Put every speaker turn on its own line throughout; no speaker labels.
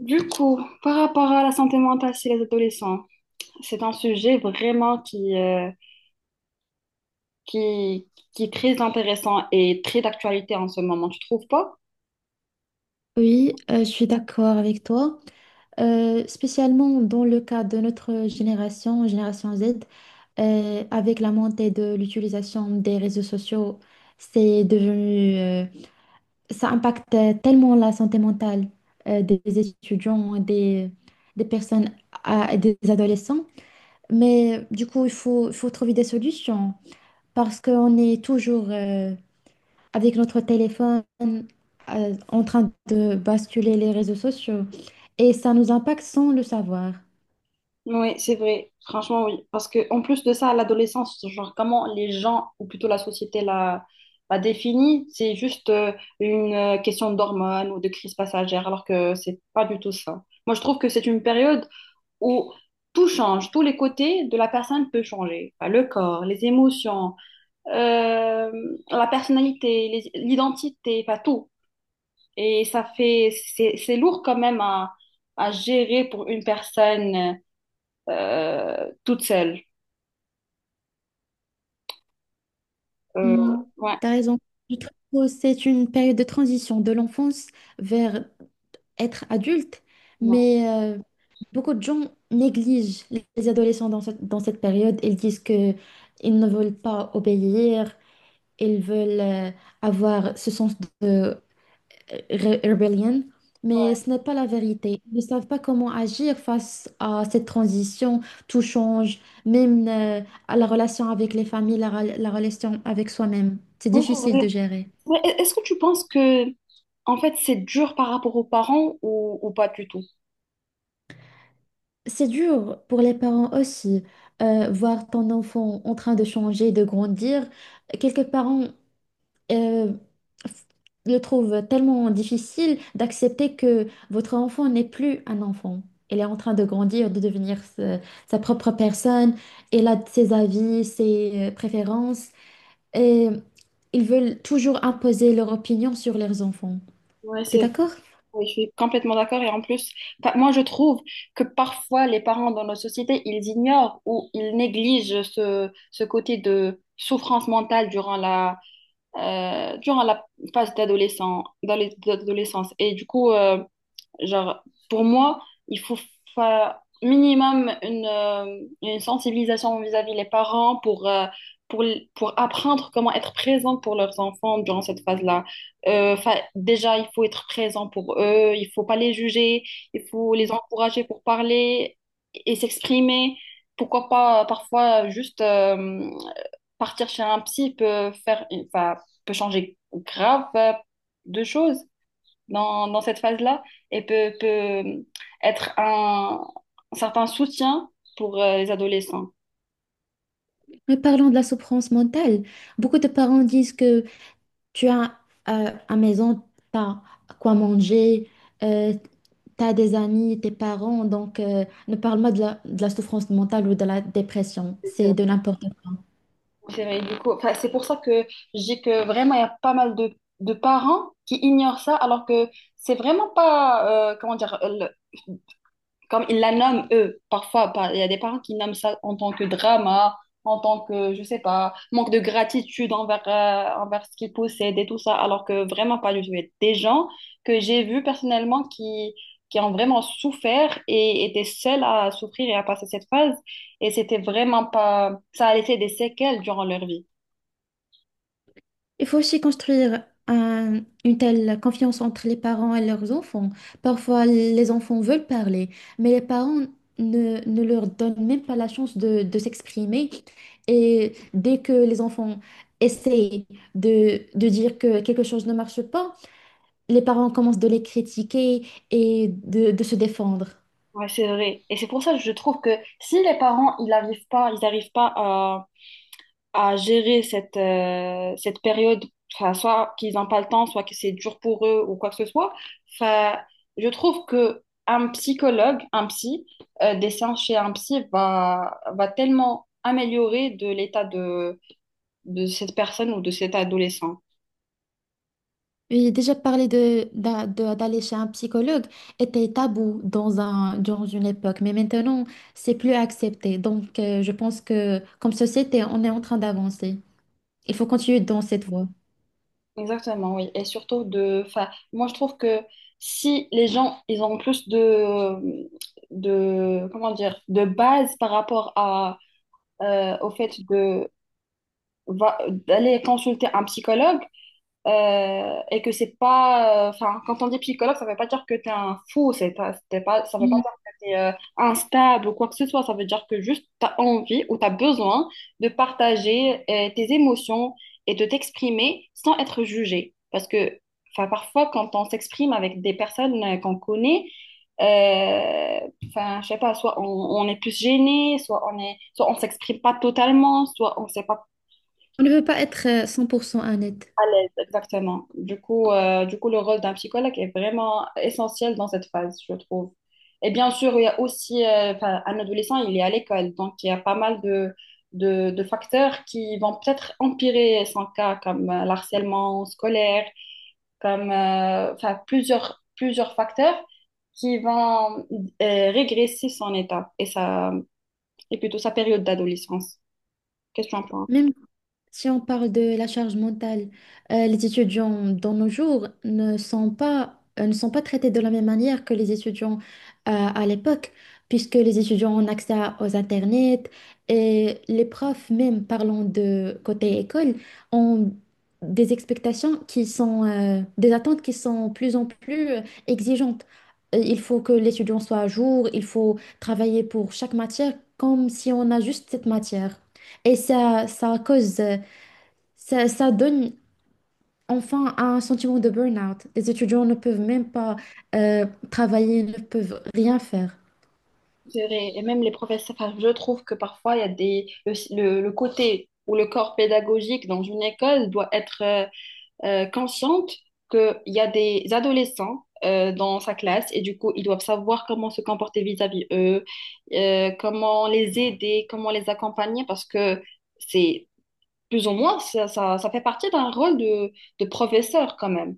Du coup, par rapport à la santé mentale chez les adolescents, c'est un sujet vraiment qui est très intéressant et très d'actualité en ce moment, tu trouves pas?
Oui, je suis d'accord avec toi. Spécialement dans le cas de notre génération, génération Z, avec la montée de l'utilisation des réseaux sociaux, c'est devenu, ça impacte tellement la santé mentale, des étudiants, des personnes, des adolescents. Mais du coup, il faut trouver des solutions parce qu'on est toujours, avec notre téléphone en train de basculer les réseaux sociaux. Et ça nous impacte sans le savoir.
Oui, c'est vrai, franchement oui. Parce que en plus de ça, l'adolescence, genre comment les gens, ou plutôt la société la définit, c'est juste une question d'hormones ou de crise passagère, alors que c'est pas du tout ça. Moi, je trouve que c'est une période où tout change, tous les côtés de la personne peut changer. Enfin, le corps, les émotions euh, la personnalité, l'identité, pas tout. Et ça fait, c'est lourd quand même à gérer pour une personne toute seule. Euh,
Hmm,
ouais,
t'as raison. Je trouve que c'est une période de transition de l'enfance vers être adulte,
ouais.
mais beaucoup de gens négligent les adolescents dans dans cette période. Ils disent que ils ne veulent pas obéir, ils veulent avoir ce sens de rebellion, mais ce n'est pas la vérité. Ils ne savent pas comment agir face à cette transition. Tout change, même à la relation avec les familles, la relation avec soi-même. C'est difficile de gérer.
Mais est-ce que tu penses que, en fait, c'est dur par rapport aux parents ou pas du tout?
C'est dur pour les parents aussi, voir ton enfant en train de changer, de grandir. Quelques parents euh, le trouve tellement difficile d'accepter que votre enfant n'est plus un enfant. Elle est en train de grandir, sa propre personne. Elle a ses avis, ses préférences. Et ils veulent toujours imposer leur opinion sur leurs enfants.
Ouais,
T'es
c'est
d'accord?
oui, je suis complètement d'accord. Et en plus, enfin, moi, je trouve que parfois, les parents dans nos sociétés, ils ignorent ou ils négligent ce, ce côté de souffrance mentale durant la phase d'adolescent, d'adolescence. Et du coup, genre, pour moi, il faut faire minimum une sensibilisation vis-à-vis les parents pour, pour apprendre comment être présent pour leurs enfants durant cette phase-là. Déjà, il faut être présent pour eux, il faut pas les juger, il faut les encourager pour parler et s'exprimer. Pourquoi pas parfois juste partir chez un psy peut faire, enfin, peut changer grave de choses dans cette phase-là et peut être un certain soutien pour les adolescents.
Mais parlons de la souffrance mentale. Beaucoup de parents disent que tu as à maison, t'as quoi manger, euh, t'as des amis, tes parents, donc ne parle pas de de la souffrance mentale ou de la dépression.
C'est vrai.
C'est de n'importe quoi.
C'est vrai, du coup, enfin, c'est pour ça que je dis que vraiment, il y a pas mal de parents qui ignorent ça, alors que c'est vraiment pas, comment dire, le- comme ils la nomment eux, il y a des parents qui nomment ça en tant que drama, en tant que, je sais pas, manque de gratitude envers, envers ce qu'ils possèdent et tout ça, alors que vraiment pas du tout. Il y a des gens que j'ai vus personnellement qui ont vraiment souffert et étaient seuls à souffrir et à passer cette phase, et c'était vraiment pas, ça a laissé des séquelles durant leur vie.
Il faut aussi construire une telle confiance entre les parents et leurs enfants. Parfois, les enfants veulent parler, mais les parents ne leur donnent même pas la chance de s'exprimer. Et dès que les enfants essayent de dire que quelque chose ne marche pas, les parents commencent de les critiquer et de se défendre.
Ouais, c'est vrai. Et c'est pour ça que je trouve que si les parents, ils n'arrivent pas à gérer cette, cette période, enfin, soit qu'ils n'ont pas le temps, soit que c'est dur pour eux ou quoi que ce soit. Enfin, je trouve que un psychologue, un psy, des séances chez un psy va tellement améliorer de l'état de cette personne ou de cet adolescent.
Oui, déjà parler d'aller chez un psychologue était tabou dans dans une époque, mais maintenant, c'est plus accepté. Donc, je pense que comme société, on est en train d'avancer. Il faut continuer dans cette voie.
Exactement, oui. Et surtout de, enfin, moi je trouve que si les gens, ils ont plus comment dire, de base par rapport à, au fait va- d'aller consulter un psychologue, et que c'est pas. Enfin, quand on dit psychologue, ça veut pas dire que t'es un fou, c'est pas, c'était pas, ça veut pas
Mm.
dire que t'es instable ou quoi que ce soit, ça veut dire que juste t'as envie ou t'as besoin de partager tes émotions et de t'exprimer sans être jugé. Parce que, enfin, parfois, quand on s'exprime avec des personnes qu'on connaît, euh, enfin, je sais pas, soit on est plus gêné, soit on est, soit on s'exprime pas totalement, soit on sait pas
On ne peut pas être 100% honnête.
à l'aise, exactement. Du coup, le rôle d'un psychologue est vraiment essentiel dans cette phase, je trouve. Et bien sûr, il y a aussi, enfin, un adolescent, il est à l'école, donc il y a pas mal de facteurs qui vont peut-être empirer son cas, comme l'harcèlement scolaire, comme enfin, plusieurs facteurs qui vont régresser son état et plutôt sa période d'adolescence. Qu'est-ce que tu en penses?
Même si on parle de la charge mentale, les étudiants dans nos jours ne sont pas, ne sont pas traités de la même manière que les étudiants à l'époque, puisque les étudiants ont accès aux internets et les profs, même parlant de côté école, ont des expectations qui sont, des attentes qui sont de plus en plus exigeantes. Il faut que l'étudiant soit à jour, il faut travailler pour chaque matière comme si on a juste cette matière. Et ça, ça donne enfin un sentiment de burn-out. Les étudiants ne peuvent même pas travailler, ne peuvent rien faire.
C'est vrai. Et même les professeurs, enfin, je trouve que parfois, il y a des, le côté ou le corps pédagogique dans une école doit être consciente qu'il y a des adolescents dans sa classe et du coup, ils doivent savoir comment se comporter vis-à-vis eux, comment les aider, comment les accompagner parce que c'est plus ou moins, ça fait partie d'un rôle de professeur quand même.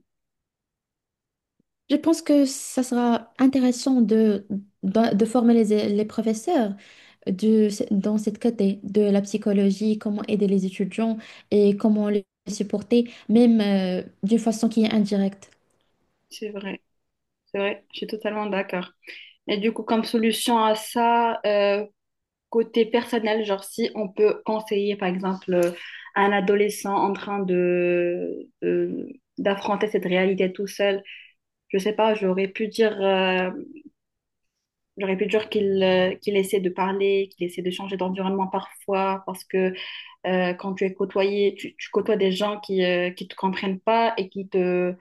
Je pense que ça sera intéressant de former les professeurs dans cette côté de la psychologie, comment aider les étudiants et comment les supporter, même d'une façon qui est indirecte.
C'est vrai, c'est vrai, je suis totalement d'accord. Et du coup, comme solution à ça, côté personnel, genre si on peut conseiller par exemple à un adolescent en train d'affronter cette réalité tout seul, je sais pas, j'aurais pu dire qu'il qu'il essaie de parler, qu'il essaie de changer d'environnement parfois parce que quand tu es côtoyé, tu côtoies des gens qui te comprennent pas et qui te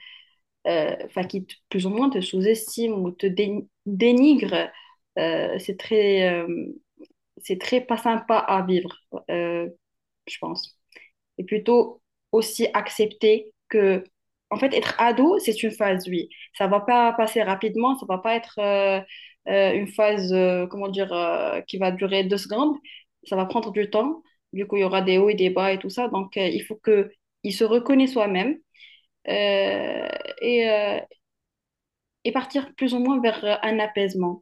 enfin plus ou moins te sous-estiment ou te dénigrent. Euh, c'est très euh, c'est très pas sympa à vivre. Euh, je pense. Et plutôt aussi accepter que, en fait, être ado, c'est une phase, oui. Ça va pas passer rapidement, ça va pas être une phase, comment dire, qui va durer deux secondes. Ça va prendre du temps. Du coup, il y aura des hauts et des bas et tout ça. Donc, il faut que il se reconnaisse soi-même euh, et, euh, et partir plus ou moins vers un apaisement.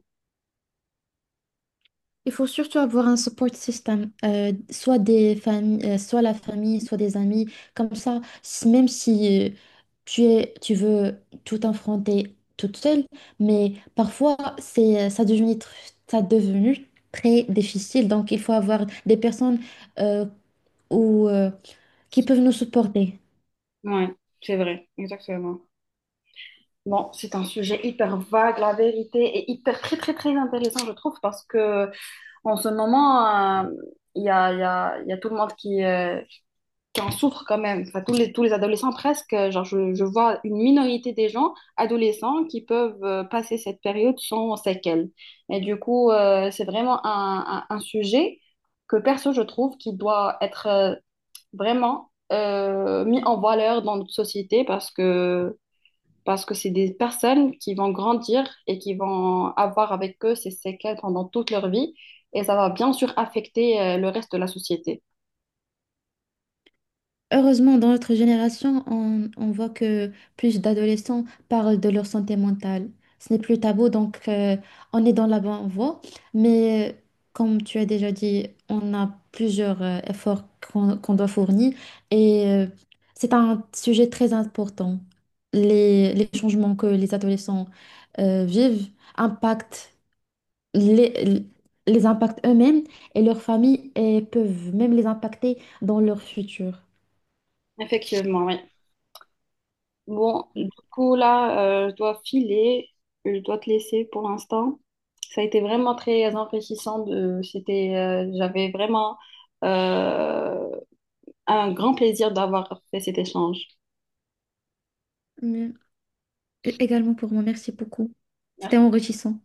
Il faut surtout avoir un support system, soit des familles, soit la famille, soit des amis. Comme ça, même si tu es, tu veux tout affronter toute seule, mais parfois c'est, ça devenu, tr- ça devenu très difficile. Donc, il faut avoir des personnes euh, ou, euh, qui peuvent nous supporter.
Ouais, c'est vrai, exactement. Bon, c'est un sujet hyper vague, la vérité, et hyper très très très intéressant, je trouve, parce que en ce moment, euh, il y a tout le monde qui en souffre quand même. Enfin, tous les adolescents presque. Genre, je vois une minorité des gens, adolescents, qui peuvent passer cette période sans séquelles. Et du coup, c'est vraiment un sujet que perso, je trouve, qui doit être vraiment mis en valeur dans notre société parce que c'est des personnes qui vont grandir et qui vont avoir avec eux ces séquelles pendant toute leur vie et ça va bien sûr affecter le reste de la société.
Heureusement, dans notre génération, on voit que plus d'adolescents parlent de leur santé mentale. Ce n'est plus tabou, donc on est dans la bonne voie. Mais comme tu as déjà dit, on a plusieurs efforts qu'on doit fournir et c'est un sujet très important. Les changements que les adolescents vivent impactent les, les impactent eux-mêmes et leurs familles et peuvent même les impacter dans leur futur.
Effectivement, oui. Bon, du coup, là, je dois filer, je dois te laisser pour l'instant. Ça a été vraiment très enrichissant. De, c'était, j'avais vraiment euh, un grand plaisir d'avoir fait cet échange.
Mais- Également pour moi, merci beaucoup. C'était enrichissant.